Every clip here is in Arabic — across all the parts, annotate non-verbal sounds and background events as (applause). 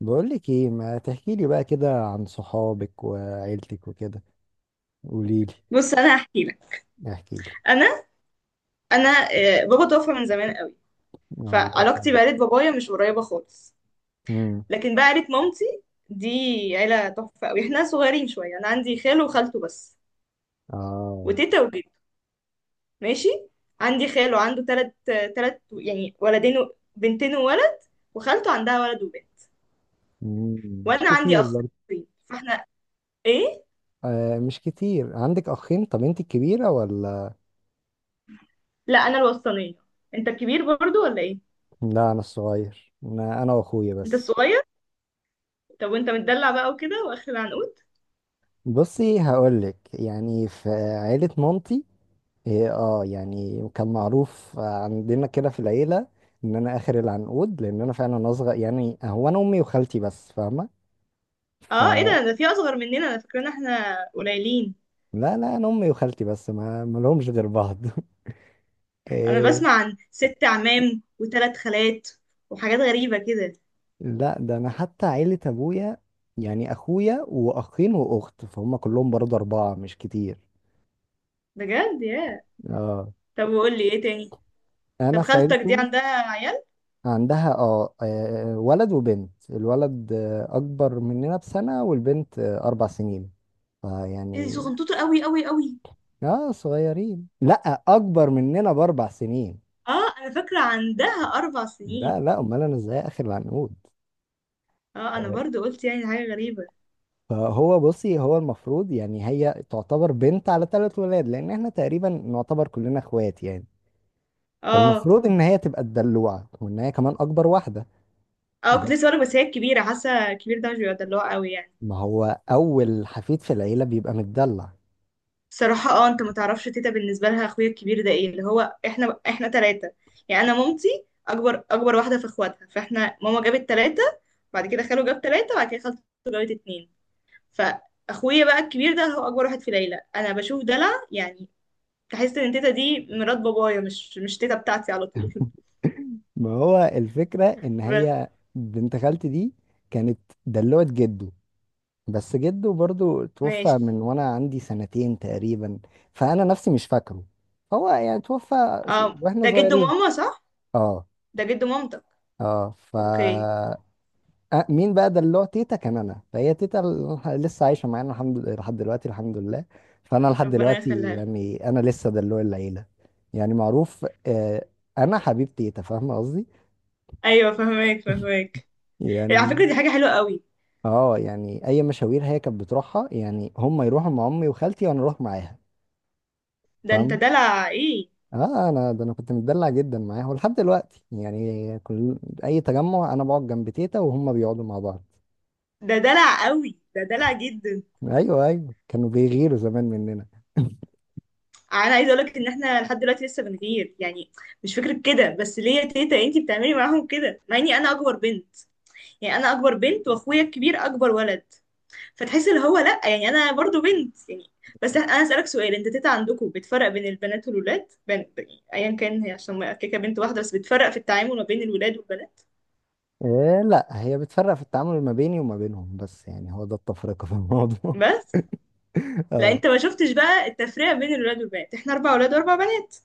بقولك ايه، ما تحكيلي بقى كده عن صحابك وعيلتك وكده؟ قوليلي. بص، انا هحكي لك. احكيلي. انا انا بابا توفى من زمان قوي، الله فعلاقتي يرحمه. بعيله بابايا مش قريبه خالص، امم لكن بقى عيله مامتي دي عيله تحفه قوي. احنا صغيرين شويه، انا عندي خاله وخالته بس، اه. وتيتا وجد. ماشي. عندي خاله عنده تلت يعني ولدين بنتين وولد، وخالته عندها ولد وبنت، مش وانا عندي كتير برضه. اخين، فاحنا ايه. آه، مش كتير. عندك اخين؟ طب انت الكبيرة ولا؟ لا، انا الوسطانيه. انت الكبير برضو ولا ايه؟ لا، انا الصغير، انا واخويا انت بس. الصغير. طب وانت متدلع بقى وكده واخر العنقود. بصي، هقولك يعني في عيلة مامتي، إيه، اه يعني كان معروف عندنا كده في العيلة ان انا اخر العنقود لان انا فعلا اصغر، يعني هو انا امي وخالتي بس، اه ايه فاهمة؟ ده في اصغر مننا؟ انا فاكره ان احنا قليلين. لا لا، انا امي وخالتي بس، ما لهمش غير بعض. (laughs) انا إيه، بسمع عن 6 عمام وثلاث خالات وحاجات غريبه كده. لا ده انا حتى عيلة ابويا يعني اخويا واخين واخت، فهم كلهم برضه 4، مش كتير. بجد يا. اه، طب وقول لي ايه تاني؟ طب انا في خالتك دي عيلتهم. عندها عيال؟ عندها، اه آه، ولد وبنت. الولد آه، اكبر مننا بسنة، والبنت آه، 4 سنين. ايه دي فيعني صغنطوطه قوي قوي قوي. اه، صغيرين. لا، اكبر مننا ب4 سنين. اه انا فاكره عندها 4 سنين. لا لا، امال انا ازاي اخر العنقود؟ اه انا آه، برضو قلت يعني حاجه غريبه. فهو، بصي، هو المفروض يعني هي تعتبر بنت على 3 ولاد، لان احنا تقريبا نعتبر كلنا اخوات يعني. اه، فالمفروض ان هي تبقى الدلوعه، وان هي كمان اكبر واحده. اه، كنت بس لسه بقولك، بس هي الكبيره، حاسه الكبير ده مش بيبقى دلوع قوي يعني. ما هو اول حفيد في العيله بيبقى متدلع. صراحة اه، انت ما تعرفش تيتا، بالنسبة لها اخويا الكبير ده ايه، اللي هو احنا 3 يعني. انا مامتي اكبر واحدة في اخواتها، فاحنا ماما جابت 3، بعد كده خاله جاب 3، بعد كده خالته جابت 2. فاخويا بقى الكبير ده هو اكبر واحد في العيلة. انا بشوف دلع يعني، تحس ان تيتا دي مرات بابايا، مش تيتا بتاعتي على طول. (laughs) ما هو الفكره (laughs) ان بس هي بنت خالتي دي كانت دلوعه جده، بس جده برضو توفى ماشي. من وانا عندي سنتين تقريبا. فانا نفسي مش فاكره. هو يعني توفى اه واحنا ده جد صغيرين. ماما، صح، اه. ده جد مامتك. اه ف اوكي. آه، مين بقى ده اللي هو تيتا كان؟ انا فهي تيتا لسه عايشه معانا الحمد لله لحد دلوقتي، الحمد لله. فانا لحد ربنا دلوقتي يخليها لك. يعني انا لسه دلوع العيله، يعني معروف. آه، انا حبيب تيتا، فاهمه قصدي. ايوه فهماك فهماك. على فكرة يعني دي حاجة حلوة قوي. اه، يعني اي مشاوير هي كانت بتروحها يعني، هم يروحوا مع امي وخالتي وانا اروح معاها. ده انت فاهمه. دلع ايه. اه، انا ده انا كنت متدلع جدا معاها، ولحد دلوقتي يعني كل اي تجمع انا بقعد جنب تيتا وهم بيقعدوا مع بعض. ده دلع قوي، ده دلع جدا. ايوه، ايوه، كانوا بيغيروا زمان مننا. انا عايزه اقولك ان احنا لحد دلوقتي لسه بنغير يعني. مش فكره كده، بس ليه يا تيتا انتي بتعملي معاهم كده مع اني انا اكبر بنت؟ يعني انا اكبر بنت واخويا الكبير اكبر ولد، فتحس اللي هو لا، يعني انا برضو بنت يعني. بس انا اسالك سؤال، انت تيتا عندكم بتفرق بين البنات والولاد، بين... ايا كان، هي عشان كيكه بنت واحده بس، بتفرق في التعامل ما بين الولاد والبنات. إيه، لا هي بتفرق في التعامل ما بيني وما بينهم بس، يعني هو ده التفرقة في الموضوع. بس (laughs) لا، اه. انت ما شفتش بقى التفرقه بين الولاد والبنات. احنا 4 ولاد و4 بنات،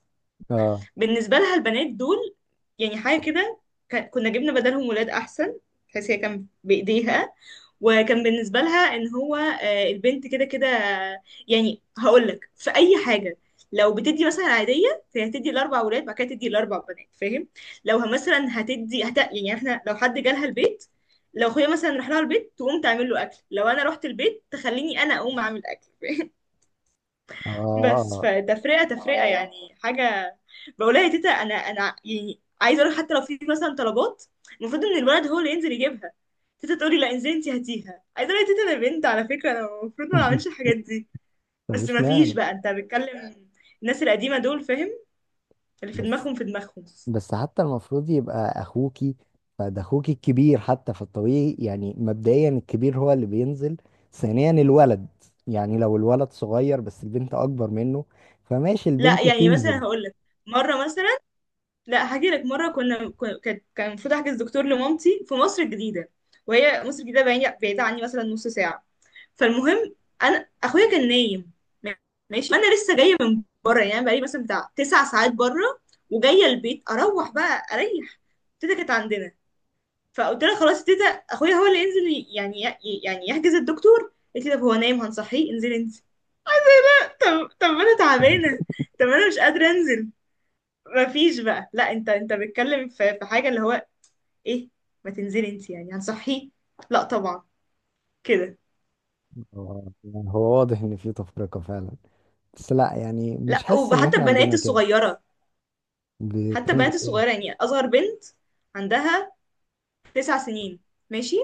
اه. بالنسبة لها البنات دول يعني حاجة كده، كنا جبنا بدلهم ولاد أحسن. بحيث هي كان بإيديها، وكان بالنسبة لها إن هو البنت كده كده، يعني هقولك في أي حاجة، لو بتدي مثلا عادية، فهي هتدي الأربع ولاد بعد كده تدي الأربع بنات، فاهم. لو مثلا يعني احنا لو حد جالها البيت، لو أخويا مثلا راح لها البيت تقوم تعمل له أكل، لو أنا رحت البيت تخليني أنا أقوم أعمل أكل. (laughs) بس اه. فتفرقة تفرقة اه يعني حاجة. بقولها يا تيتا أنا يعني عايزة أقول لك، حتى لو في مثلا طلبات، المفروض إن الولد هو اللي ينزل يجيبها، تيتا تقولي لا انزلي أنتي هاتيها. عايزة أقول لها يا تيتا أنا بنت على فكرة، أنا المفروض ما (laughs) بعملش الحاجات دي. بس مفيش ما فيش معنى. بقى، أنت بتكلم الناس القديمة دول فاهم، اللي في بس دماغهم في دماغهم. بس حتى المفروض يبقى اخوكي، فده اخوكي الكبير حتى، فالطبيعي يعني مبدئيا الكبير هو اللي بينزل. ثانيا الولد، يعني لو الولد صغير بس البنت اكبر منه، فماشي لا البنت يعني مثلا تنزل. هقول لك مرة، مثلا لا، هاجي لك مرة كان المفروض أحجز دكتور لمامتي في مصر الجديدة، وهي مصر الجديدة بعيدة بعيدة عني، مثلا نص ساعة. فالمهم، انا اخويا كان نايم. ماشي. انا لسه جايه من بره، يعني بقالي مثلا بتاع 9 ساعات بره وجايه البيت، اروح بقى اريح. تيتا كانت عندنا. فقلت لها خلاص يا تيتا، اخويا هو اللي ينزل، يعني يحجز الدكتور. قالت لي طب هو نايم هنصحيه، انزلي انت. طب طب انا تعبانه، (laughs) طب انا مش قادره انزل. مفيش بقى لا، انت بتتكلم في حاجه اللي هو ايه، ما تنزلي انت يعني هنصحيه. لا طبعا كده. آه، يعني هو واضح ان في تفرقة فعلا، بس لا يعني مش لا حاسس ان وحتى احنا البنات عندنا كده. الصغيره، حتى بتعمل البنات الصغيرة، ايه؟ يعني أصغر بنت عندها 9 سنين. ماشي.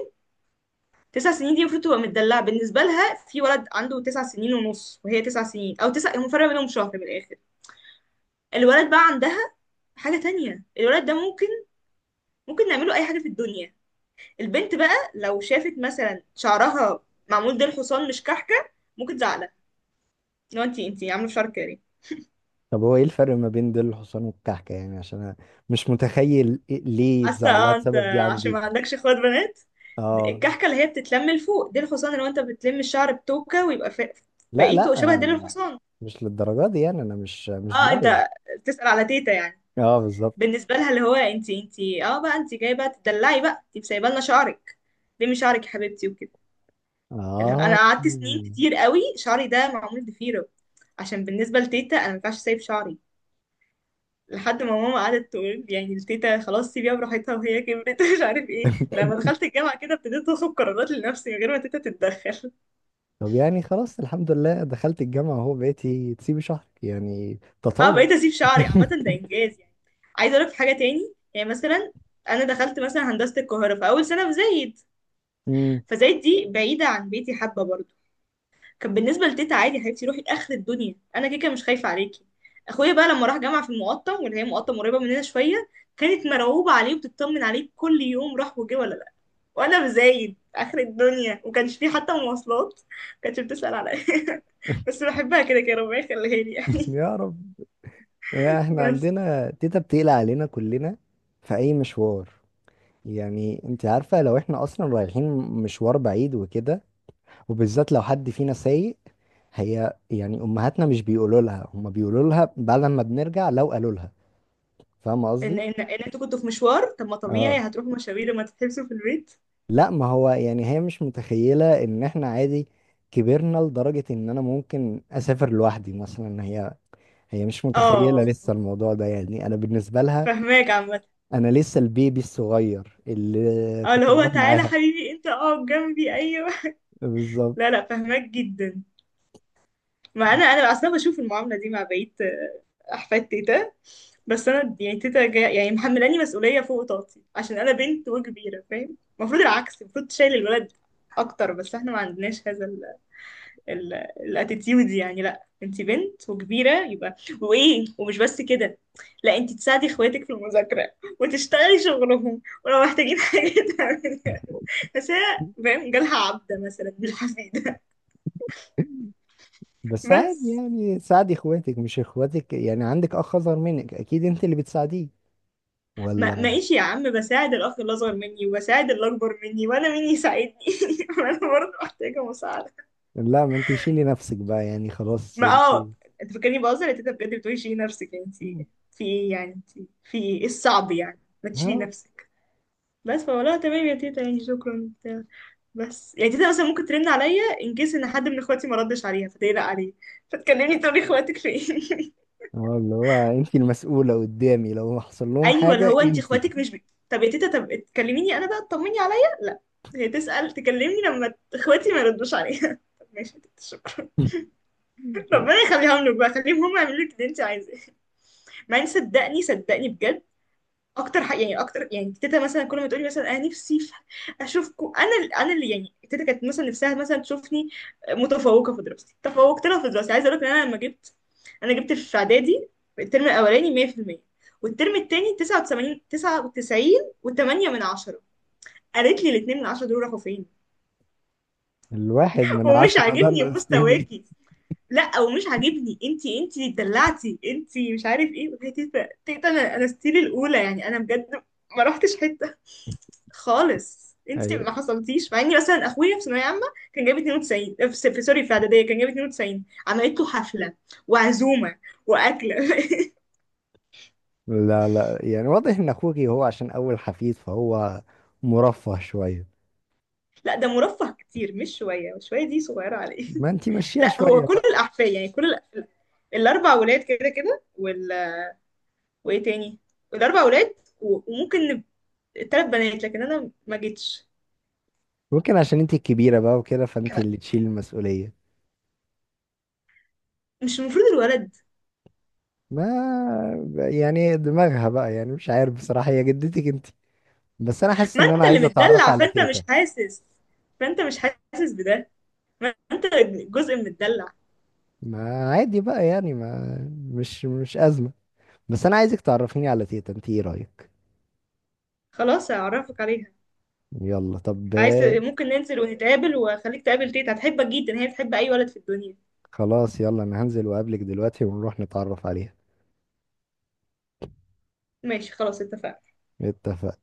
تسع سنين دي المفروض تبقى متدلعة. بالنسبة لها في ولد عنده 9 سنين ونص، وهي 9 سنين أو تسع، هم فرق بينهم شهر من الآخر. الولد بقى عندها حاجة تانية، الولد ده ممكن نعمله أي حاجة في الدنيا. البنت بقى لو شافت مثلا شعرها معمول ديل حصان مش كحكة، ممكن تزعلها، لو انتي عاملة في شعرك كده ليه؟ طب هو ايه الفرق ما بين ديل الحصان والكعكة؟ يعني عشان انا مش متخيل ليه حاسه. اتزعلها اه انت بسبب دي عشان ما عندي. عندكش اخوات بنات. اه، الكحكه اللي هي بتتلم لفوق، ديل الحصان اللي هو انت بتلم الشعر بتوكه ويبقى لا بقيته شبه لا، ديل الحصان. مش للدرجة دي يعني انا مش اه ضايع. انت بتسأل على تيتا يعني. اه، بالظبط. بالنسبه لها اللي هو انت اه بقى، انت جايه بقى تدلعي بقى؟ انت سايبه لنا شعرك، لمي شعرك يا حبيبتي وكده. اللي هو انا اه، قعدت سنين كتير قوي شعري ده معمول ضفيره، عشان بالنسبه لتيتا انا ما ينفعش سايب شعري، لحد ما ماما قعدت تقول يعني التيتا خلاص سيبيها براحتها وهي كبرت. (laughs) مش عارف ايه، لما دخلت الجامعة كده ابتديت اخد قرارات لنفسي من غير ما تيتا تتدخل. طب يعني خلاص، الحمد لله دخلت الجامعة اهو، بقيتي تسيبي شهرك، يعني اه تطور. بقيت اسيب شعري عامة، ده (laughs) انجاز يعني. عايزة اقولك في حاجة تاني يعني، مثلا انا دخلت مثلا هندسة القاهرة في اول سنة في زايد، مم. فزايد دي بعيدة عن بيتي حبة برضه. كان بالنسبه لتيتا عادي، يا حبيبتي روحي اخر الدنيا، انا كده كده مش خايفه عليكي. اخويا بقى لما راح جامعه في المقطم، واللي هي مقطم قريبه مننا شويه، كانت مرعوبه عليه وبتطمن عليه كل يوم، راح وجه ولا لا. وانا بزايد اخر الدنيا وكانش فيه حتى مواصلات، كانتش بتسأل عليا. (laughs) بس (laughs) بحبها كده كده، ربنا يخليها لي يعني. يا رب، (laughs) احنا بس. عندنا تيتا بتقلق علينا كلنا في اي مشوار. يعني انت عارفة، لو احنا اصلا رايحين مشوار بعيد وكده، وبالذات لو حد فينا سايق، هي يعني امهاتنا مش بيقولوا لها، هما بيقولوا لها بعد ما بنرجع، لو قالوا لها. فاهمة ان قصدي؟ ان ان انتوا كنتوا في مشوار، طب ما طبيعي اه، هتروحوا مشاوير، لما تتحبسوا في البيت. لا ما هو يعني هي مش متخيلة ان احنا عادي كبرنا لدرجة ان انا ممكن اسافر لوحدي مثلا. هي، هي مش متخيلة اه لسه الموضوع ده، يعني انا بالنسبة لها فهماك عامة. انا لسه البيبي الصغير اللي اه اللي كنت هو بروح تعالى معاها. حبيبي انت اقعد جنبي، ايوه. بالظبط. لا لا فهماك جدا. ما انا اصلا بشوف المعامله دي مع بقيه احفاد تيتا. بس انا يعني تيتا جاي يعني محملاني مسؤوليه فوق طاقتي، عشان انا بنت وكبيره فاهم؟ المفروض العكس، المفروض تشيل الولد اكتر، بس احنا ما عندناش هذا ال ال الاتيتيود يعني لا انت بنت وكبيره، يبقى وايه، ومش بس كده، لا انت تساعدي اخواتك في المذاكره وتشتغلي شغلهم، ولو محتاجين حاجه (laughs) تعمليها. بس هي فاهم جالها عبده مثلا مش حفيده. بس عادي بس يعني، ساعدي اخواتك. مش اخواتك يعني، عندك اخ اصغر منك، اكيد انت اللي بتساعديه، ما ولا؟ ماشي يا عم، بساعد الاخ الاصغر مني وبساعد اللي اكبر مني، وانا مين يساعدني؟ (laughs) انا برضه محتاجه مساعده. لا ما انت شيلي نفسك بقى، يعني خلاص ما انت. اه انت فاكرني بهزر؟ انت بجد بتقولي شيلي نفسك؟ انت في ايه يعني؟ انت في ايه؟ إيه الصعب يعني ما تشيلي ها. نفسك. بس فولا تمام يا تيتا، يعني شكرا بتاع. بس يعني تيتا مثلا ممكن ترن عليا ان كيس ان حد من اخواتي ما ردش عليها فتقلق عليه، فتكلمني تقولي اخواتك فين. (laughs) اه، اللي هو انت المسؤولة قدامي لو حصل لهم ايوه، اللي حاجة، هو انت انت. اخواتك (laughs) مش بي... طب يا تيتا، طب تكلميني انا بقى، تطمني عليا، لا هي تسأل، تكلمني لما اخواتي ما يردوش عليها. (laughs) طب ماشي يا تيتا شكرا. (laughs) ربنا يخليهم لك بقى، خليهم هم يعملوا لك اللي انت عايزاه. ما صدقني صدقني بجد. اكتر حق يعني اكتر، يعني تيتا مثلا كل ما تقولي مثلا انا نفسي اشوفكم، انا اللي يعني تيتا كانت مثلا نفسها مثلا تشوفني متفوقه في دراستي، تفوقت لها في دراستي. عايزه اقول لك ان انا جبت في اعدادي في الترم الاولاني 100%، والترم التاني 89 99، و8 من 10. قالت لي الاتنين من 10 دول راحوا فين؟ الواحد (laughs) من ومش عشرة عاجبني ده ستيفي. مستواكي. لا ومش عاجبني، انتي اللي اتدلعتي انتي، مش عارف ايه. قلت لها تيتا تيتا، انا ستيل الاولى يعني، انا بجد ما رحتش حته خالص، انت ايوه. ما حصلتيش. مع اني مثلا اخويا في ثانويه عامه كان جايب 92، سوري في اعداديه كان جايب 92، عملت له حفله وعزومه واكله. (laughs) لا لا يعني واضح ان اخوك هو عشان اول حفيد، فهو مرفه شوية. لا ده مرفه كتير مش شويه، وشويه دي صغيره عليه. ما انت (laughs) مشيها لا هو شوية كل بقى. الاحفاد يعني، كل الاربع ولاد كده كده وايه تاني، الاربع ولاد وممكن التلات بنات، لكن انا ما جيتش. ممكن عشان انت الكبيرة بقى وكده، فانت اللي تشيل المسؤولية. مش المفروض الولد؟ ما يعني دماغها بقى يعني، مش عارف بصراحة، هي جدتك انت. بس انا حاسس ما ان انا انت اللي عايز اتعرف متدلع على فانت مش تيتا. حاسس، فانت مش حاسس بده ما انت جزء من متدلع. ما عادي بقى، يعني ما، مش ازمة. بس انا عايزك تعرفيني على تيتا، انت ايه رأيك؟ خلاص هعرفك عليها. يلا طب. عايز ممكن ننزل ونتقابل واخليك تقابل تيتا، هتحبك جدا، هي بتحب اي ولد في الدنيا. خلاص يلا، انا هنزل واقابلك دلوقتي، ونروح نتعرف عليها. ماشي خلاص اتفقنا. اتفق.